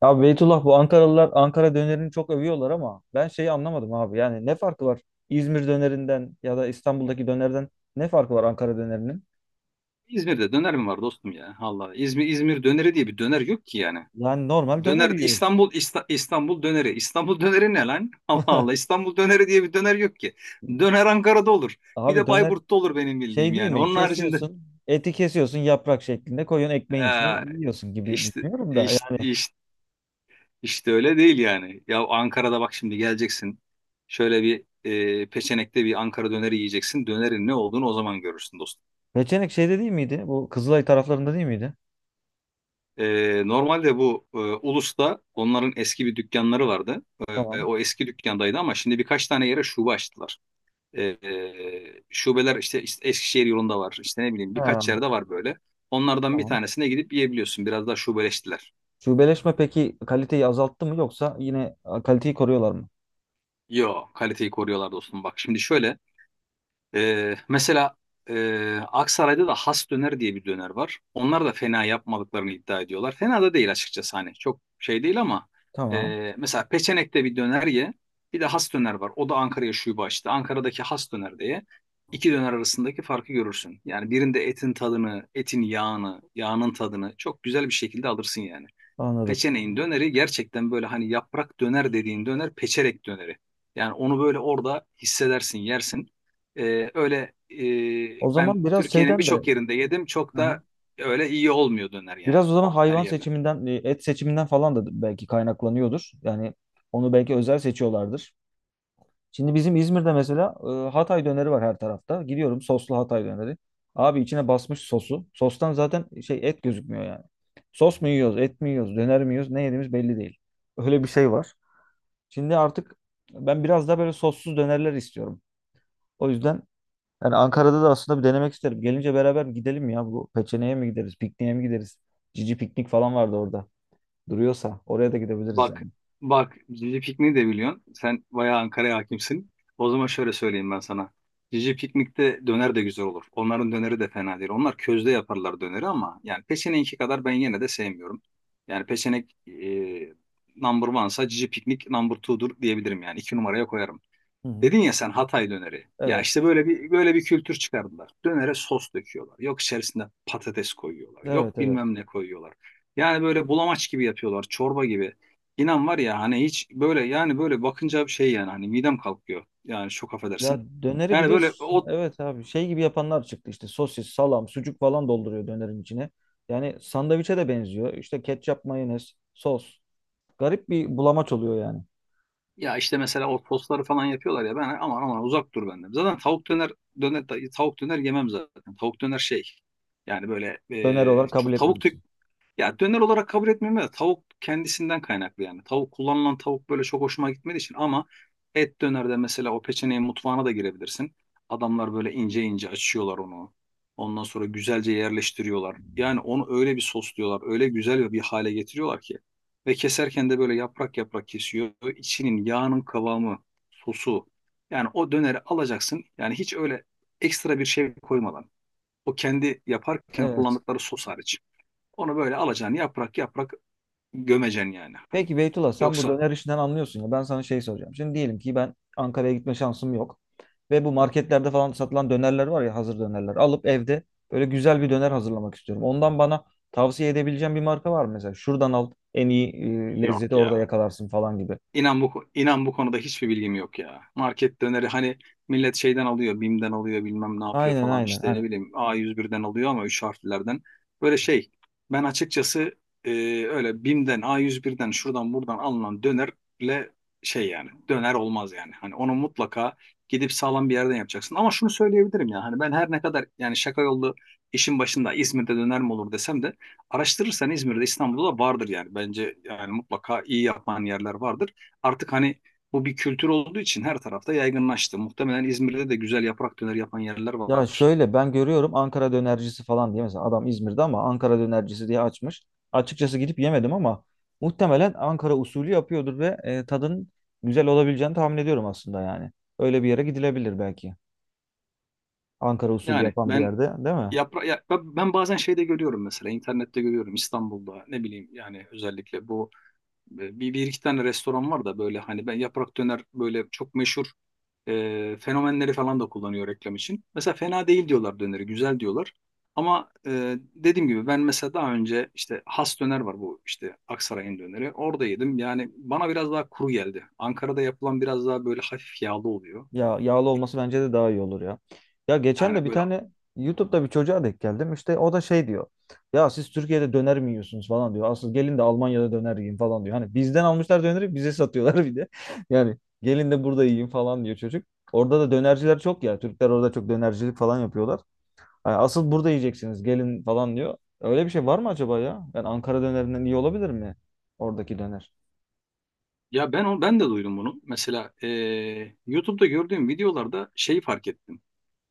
Abi Beytullah bu Ankaralılar Ankara dönerini çok övüyorlar ama ben şeyi anlamadım abi. Yani ne farkı var İzmir dönerinden ya da İstanbul'daki dönerden ne farkı var Ankara dönerinin? İzmir'de döner mi var dostum ya? Allah İzmir döneri diye bir döner yok ki yani. Yani normal döner Döner yiyoruz. İstanbul, İstanbul döneri. İstanbul döneri ne lan? Allah Allah İstanbul döneri diye bir döner yok ki. Döner Ankara'da olur. Bir Abi de döner Bayburt'ta olur benim şey bildiğim değil yani. mi? Onun haricinde Kesiyorsun, eti kesiyorsun yaprak şeklinde koyuyorsun ekmeğin içine ee, yiyorsun gibi işte, düşünüyorum da. işte Yani işte işte öyle değil yani. Ya Ankara'da bak şimdi geleceksin. Şöyle bir Peçenek'te bir Ankara döneri yiyeceksin. Dönerin ne olduğunu o zaman görürsün dostum. Peçenek şeyde değil miydi? Bu Kızılay taraflarında değil miydi? Normalde bu Ulus'ta onların eski bir dükkanları vardı. Tamam. O eski dükkandaydı ama şimdi birkaç tane yere şube açtılar. Şubeler işte Eskişehir yolunda var. İşte ne bileyim Ha, birkaç yerde var böyle. Onlardan bir tamam. tanesine gidip yiyebiliyorsun. Biraz daha şubeleştiler. Şubeleşme peki kaliteyi azalttı mı yoksa yine kaliteyi koruyorlar mı? Yo, kaliteyi koruyorlar dostum. Bak şimdi şöyle. Mesela e, Aksaray'da da Has Döner diye bir döner var. Onlar da fena yapmadıklarını iddia ediyorlar. Fena da değil açıkçası, hani çok şey değil ama Tamam. Mesela Peçenek'te bir döner ye. Bir de Has Döner var. O da Ankara'ya şube açtı. Ankara'daki Has Döner diye iki döner arasındaki farkı görürsün. Yani birinde etin tadını, etin yağını, yağının tadını çok güzel bir şekilde alırsın yani. Anladım. Peçeneğin döneri gerçekten böyle, hani yaprak döner dediğin döner peçerek döneri. Yani onu böyle orada hissedersin, yersin. Öyle O zaman ben biraz Türkiye'nin şeyden de birçok yerinde yedim. Çok hı hı, da öyle iyi olmuyor döner yani biraz o zaman her hayvan yerde. seçiminden, et seçiminden falan da belki kaynaklanıyordur. Yani onu belki özel seçiyorlardır. Şimdi bizim İzmir'de mesela Hatay döneri var her tarafta. Gidiyorum soslu Hatay döneri. Abi içine basmış sosu. Sostan zaten şey et gözükmüyor yani. Sos mu yiyoruz, et mi yiyoruz, döner mi yiyoruz, ne yediğimiz belli değil. Öyle bir şey var. Şimdi artık ben biraz daha böyle sossuz dönerler istiyorum. O yüzden yani Ankara'da da aslında bir denemek isterim. Gelince beraber bir gidelim ya. Bu Peçene'ye mi gideriz? Pikniğe mi gideriz? Cici piknik falan vardı orada. Duruyorsa oraya da gidebiliriz Bak, yani. bak Cici Piknik'i de biliyorsun. Sen bayağı Ankara'ya hakimsin. O zaman şöyle söyleyeyim ben sana. Cici Piknik'te döner de güzel olur. Onların döneri de fena değil. Onlar közde yaparlar döneri ama yani peşeneğinki kadar ben yine de sevmiyorum. Yani peşenek number one'sa Cici Piknik number two'dur diyebilirim yani. İki numaraya koyarım. Hı hı. Dedin ya sen Hatay döneri. Ya Evet. işte böyle bir kültür çıkardılar. Dönere sos döküyorlar. Yok, içerisinde patates koyuyorlar. Evet, Yok, evet. bilmem ne koyuyorlar. Yani böyle bulamaç gibi yapıyorlar, çorba gibi. İnan var ya, hani hiç böyle yani böyle bakınca bir şey, yani hani midem kalkıyor. Yani çok Ya affedersin. döneri bir Yani de böyle o, evet abi şey gibi yapanlar çıktı işte sosis, salam, sucuk falan dolduruyor dönerin içine. Yani sandviçe de benziyor. İşte ketçap, mayonez, sos. Garip bir bulamaç oluyor yani. ya işte mesela o sosları falan yapıyorlar ya ben aman aman uzak dur benden. Zaten tavuk döner döner yemem zaten. Tavuk döner şey yani böyle, Döner olarak kabul çok tavuk. etmiyorsun. Ya döner olarak kabul etmiyorum da tavuk kendisinden kaynaklı yani. Tavuk, kullanılan tavuk böyle çok hoşuma gitmediği için ama et dönerde mesela o Peçene'yi mutfağına da girebilirsin. Adamlar böyle ince ince açıyorlar onu. Ondan sonra güzelce yerleştiriyorlar. Yani onu öyle bir sosluyorlar, öyle güzel ve bir hale getiriyorlar ki. Ve keserken de böyle yaprak yaprak kesiyor. İçinin yağının kıvamı, sosu. Yani o döneri alacaksın. Yani hiç öyle ekstra bir şey koymadan. O kendi yaparken Evet. kullandıkları sos hariç. Onu böyle alacaksın yaprak yaprak, gömeceksin yani. Hani Peki Beytullah sen bu yoksa döner işinden anlıyorsun ya ben sana şey soracağım. Şimdi diyelim ki ben Ankara'ya gitme şansım yok. Ve bu marketlerde falan satılan dönerler var ya hazır dönerler. Alıp evde böyle güzel bir döner hazırlamak istiyorum. Ondan bana tavsiye edebileceğim bir marka var mı? Mesela şuradan al en iyi yok lezzeti orada ya. yakalarsın falan gibi. İnan bu konuda hiçbir bilgim yok ya. Market döneri hani millet şeyden alıyor, BİM'den alıyor, bilmem ne yapıyor Aynen, falan, işte ne aynen. bileyim A101'den alıyor ama 3 harflilerden. Böyle şey, ben açıkçası e, öyle BİM'den A101'den şuradan buradan alınan dönerle şey yani döner olmaz yani. Hani onu mutlaka gidip sağlam bir yerden yapacaksın. Ama şunu söyleyebilirim ya, hani ben her ne kadar yani şaka yollu işin başında İzmir'de döner mi olur desem de, araştırırsan İzmir'de, İstanbul'da da vardır yani. Bence yani mutlaka iyi yapan yerler vardır. Artık hani bu bir kültür olduğu için her tarafta yaygınlaştı. Muhtemelen İzmir'de de güzel yaprak döner yapan yerler Ya vardır. şöyle ben görüyorum Ankara dönercisi falan diye mesela adam İzmir'de ama Ankara dönercisi diye açmış. Açıkçası gidip yemedim ama muhtemelen Ankara usulü yapıyordur ve tadın güzel olabileceğini tahmin ediyorum aslında yani. Öyle bir yere gidilebilir belki. Ankara usulü Yani yapan bir ben yerde değil mi? yapra ya- ben ben bazen şeyde görüyorum, mesela internette görüyorum İstanbul'da, ne bileyim yani özellikle bu bir iki tane restoran var da böyle, hani ben yaprak döner böyle çok meşhur. Fenomenleri falan da kullanıyor reklam için. Mesela fena değil diyorlar döneri, güzel diyorlar. Ama dediğim gibi ben mesela daha önce işte Has Döner var, bu işte Aksaray'ın döneri. Orada yedim. Yani bana biraz daha kuru geldi. Ankara'da yapılan biraz daha böyle hafif yağlı oluyor. Ya yağlı olması bence de daha iyi olur ya. Ya geçen de Yani bir böyle, tane YouTube'da bir çocuğa denk geldim. İşte o da şey diyor. Ya siz Türkiye'de döner mi yiyorsunuz falan diyor. Asıl gelin de Almanya'da döner yiyin falan diyor. Hani bizden almışlar döneri bize satıyorlar bir de. Yani gelin de burada yiyin falan diyor çocuk. Orada da dönerciler çok ya. Türkler orada çok dönercilik falan yapıyorlar. Hani asıl burada yiyeceksiniz gelin falan diyor. Öyle bir şey var mı acaba ya? Yani Ankara dönerinden iyi olabilir mi oradaki döner? ya ben de duydum bunu. Mesela YouTube'da gördüğüm videolarda şeyi fark ettim.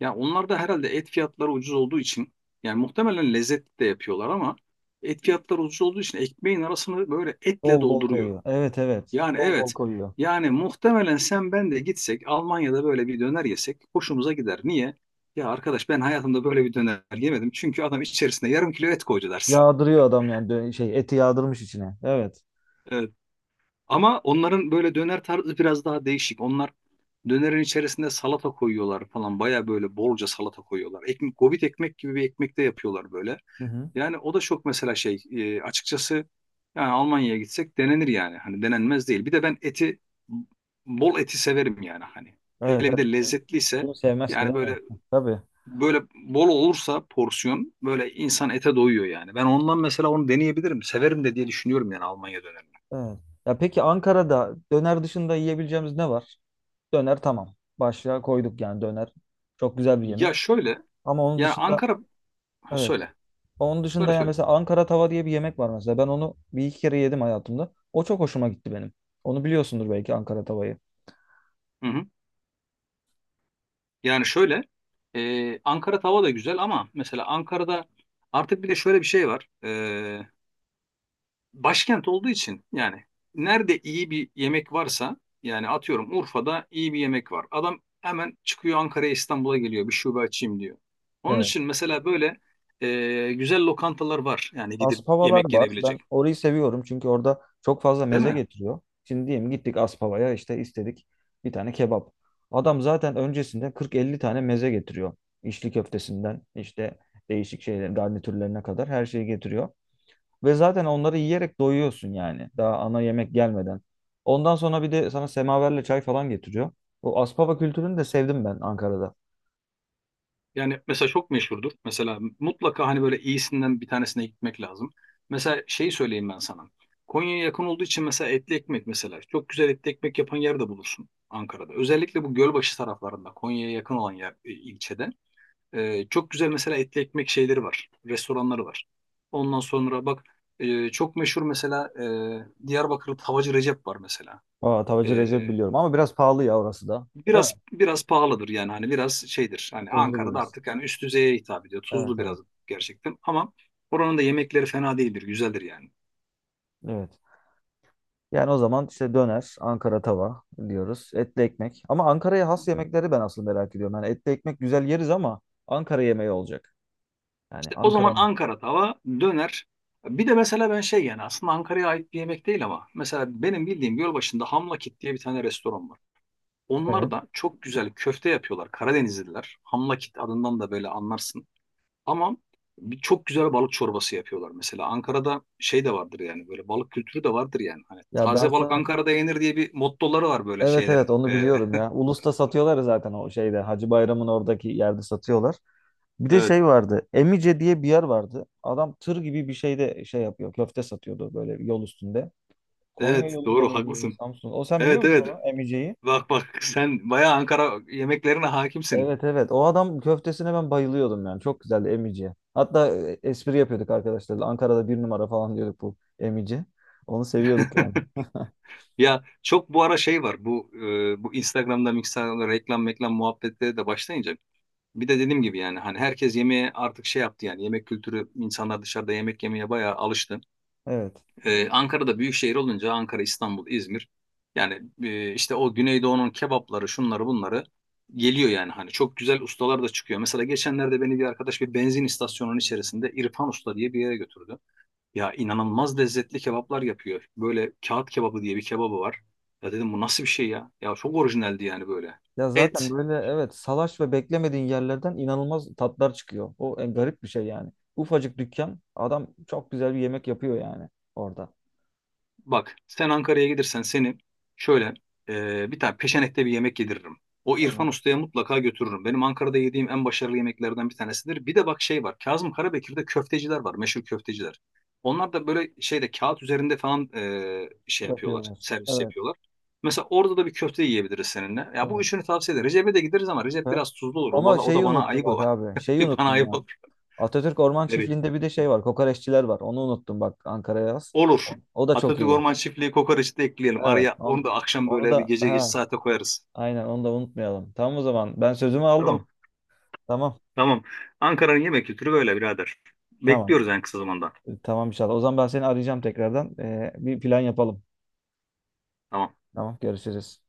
Ya onlar da herhalde et fiyatları ucuz olduğu için, yani muhtemelen lezzetli de yapıyorlar ama et fiyatları ucuz olduğu için ekmeğin arasını böyle etle Bol bol dolduruyor. koyuyor. Evet, evet. Yani Bol bol evet. koyuyor. Yani muhtemelen sen ben de gitsek Almanya'da böyle bir döner yesek hoşumuza gider. Niye? Ya arkadaş ben hayatımda böyle bir döner yemedim. Çünkü adam içerisine yarım kilo et koydu dersin. Yağdırıyor adam yani şey eti yağdırmış içine. Evet. Evet. Ama onların böyle döner tarzı biraz daha değişik. Onlar dönerin içerisinde salata koyuyorlar falan. Baya böyle bolca salata koyuyorlar. Ekmek, gobit ekmek gibi bir ekmek de yapıyorlar böyle. Hı hı. Yani o da çok, mesela şey açıkçası yani Almanya'ya gitsek denenir yani. Hani denenmez değil. Bir de ben eti, bol eti severim yani hani. Evet, Hele bir evet. de Kim, lezzetliyse kim sevmez ki yani değil mi? böyle, Tabii. böyle bol olursa porsiyon böyle insan ete doyuyor yani. Ben ondan mesela onu deneyebilirim. Severim de diye düşünüyorum yani Almanya dönemini. Evet. Ya peki Ankara'da döner dışında yiyebileceğimiz ne var? Döner tamam. Başlığa koyduk yani döner. Çok güzel bir Ya yemek. şöyle Ama onun yani dışında Ankara, ha, evet. söyle Onun dışında söyle yani söyle. mesela Ankara tava diye bir yemek var mesela. Ben onu bir iki kere yedim hayatımda. O çok hoşuma gitti benim. Onu biliyorsundur belki Ankara tavayı. Hı hı. Yani şöyle Ankara tava da güzel ama mesela Ankara'da artık bir de şöyle bir şey var. Başkent olduğu için yani nerede iyi bir yemek varsa, yani atıyorum Urfa'da iyi bir yemek var. Adam hemen çıkıyor Ankara'ya, İstanbul'a geliyor, bir şube açayım diyor. Onun Evet. için mesela böyle güzel lokantalar var yani gidip Aspavalar yemek var. Ben yenebilecek, orayı seviyorum çünkü orada çok fazla değil meze mi? getiriyor. Şimdi diyelim gittik Aspava'ya işte istedik bir tane kebap. Adam zaten öncesinde 40-50 tane meze getiriyor. İçli köftesinden işte değişik şeyler garnitürlerine kadar her şeyi getiriyor. Ve zaten onları yiyerek doyuyorsun yani daha ana yemek gelmeden. Ondan sonra bir de sana semaverle çay falan getiriyor. O Aspava kültürünü de sevdim ben Ankara'da. Yani mesela çok meşhurdur. Mesela mutlaka hani böyle iyisinden bir tanesine gitmek lazım. Mesela şeyi söyleyeyim ben sana. Konya'ya yakın olduğu için mesela etli ekmek mesela. Çok güzel etli ekmek yapan yer de bulursun Ankara'da. Özellikle bu Gölbaşı taraflarında Konya'ya yakın olan yer, ilçede. Çok güzel mesela etli ekmek şeyleri var. Restoranları var. Ondan sonra bak, çok meşhur mesela Diyarbakır'da Tavacı Recep var mesela. Aa, Tavacı Ee, Recep biliyorum ama biraz pahalı ya orası da. Değil mi? biraz biraz pahalıdır yani, hani biraz şeydir. Hani Tuzlu Ankara'da biraz. artık yani üst düzeye hitap ediyor. Evet, Tuzlu biraz evet. gerçekten ama oranın da yemekleri fena değildir. Güzeldir yani. Evet. Yani o zaman işte döner, Ankara tava diyoruz. Etli ekmek. Ama Ankara'ya has yemekleri ben aslında merak ediyorum. Yani etli ekmek güzel yeriz ama Ankara yemeği olacak. Yani İşte o zaman Ankara'nın. Ankara tava, döner. Bir de mesela ben şey, yani aslında Ankara'ya ait bir yemek değil ama mesela benim bildiğim Gölbaşı'nda Hamlakit diye bir tane restoran var. Onlar Evet. da çok güzel köfte yapıyorlar. Karadenizliler. Hamlakit adından da böyle anlarsın. Ama bir çok güzel balık çorbası yapıyorlar. Mesela Ankara'da şey de vardır yani böyle balık kültürü de vardır yani. Hani Ya ben taze balık sana Ankara'da yenir diye bir mottoları var böyle evet, evet şeylerin. onu biliyorum ya. Ulus'ta satıyorlar ya zaten o şeyde Hacı Bayram'ın oradaki yerde satıyorlar. Bir de evet, şey vardı. Emice diye bir yer vardı. Adam tır gibi bir şeyde şey yapıyor. Köfte satıyordu böyle yol üstünde. Konya evet yolunda doğru mıydı? haklısın. Samsun. O sen biliyor Evet musun evet. onu? Emice'yi? Bak bak sen bayağı Ankara yemeklerine hakimsin. Evet, evet. O adam köftesine ben bayılıyordum yani. Çok güzeldi emici. Hatta espri yapıyorduk arkadaşlarla. Ankara'da bir numara falan diyorduk bu emici. Onu seviyorduk yani. Ya, çok bu ara şey var bu Instagram'da reklam meklam muhabbetleri de başlayınca. Bir de dediğim gibi yani hani herkes yemeğe artık şey yaptı, yani yemek kültürü insanlar dışarıda yemek yemeye bayağı alıştı. Evet. Ankara'da büyük şehir olunca Ankara, İstanbul, İzmir, yani işte o Güneydoğu'nun kebapları, şunları bunları geliyor yani, hani çok güzel ustalar da çıkıyor. Mesela geçenlerde beni bir arkadaş bir benzin istasyonunun içerisinde İrfan Usta diye bir yere götürdü. Ya inanılmaz lezzetli kebaplar yapıyor. Böyle kağıt kebabı diye bir kebabı var. Ya dedim bu nasıl bir şey ya? Ya çok orijinaldi yani böyle. Ya zaten Et, böyle evet salaş ve beklemediğin yerlerden inanılmaz tatlar çıkıyor. O en garip bir şey yani. Ufacık dükkan adam çok güzel bir yemek yapıyor yani orada. Bak sen Ankara'ya gelirsen seni şöyle bir tane peşenekte bir yemek yediririm. O İrfan Tamam. Usta'ya mutlaka götürürüm. Benim Ankara'da yediğim en başarılı yemeklerden bir tanesidir. Bir de bak şey var. Kazım Karabekir'de köfteciler var. Meşhur köfteciler. Onlar da böyle şeyde kağıt üzerinde falan şey yapıyorlar. Yapıyorlar. Servis Evet. yapıyorlar. Mesela orada da bir köfte yiyebiliriz seninle. Ya bu Evet. üçünü tavsiye ederim. Recep'e de gideriz ama Recep Süper. biraz tuzlu olur. O, Ama bana- o da şeyi bana unuttum ayıp bak o. abi. Şeyi Bana unuttum ayıp Atatürk Orman olur. Çiftliği'nde bir de şey var. Kokoreççiler var. Onu unuttum bak Ankara'ya yaz. Olur. O, o da çok Atatürk iyi. Orman Çiftliği kokoreçi de ekleyelim. Evet. Araya onu On, da akşam onu böyle bir da gece geç ha, saate koyarız. aynen onu da unutmayalım. Tamam o zaman. Ben sözümü aldım. Tamam. Tamam. Tamam. Ankara'nın yemek kültürü böyle birader. Tamam. Bekliyoruz en kısa zamanda. Tamam inşallah. O zaman ben seni arayacağım tekrardan. Bir plan yapalım. Tamam. Tamam, görüşürüz.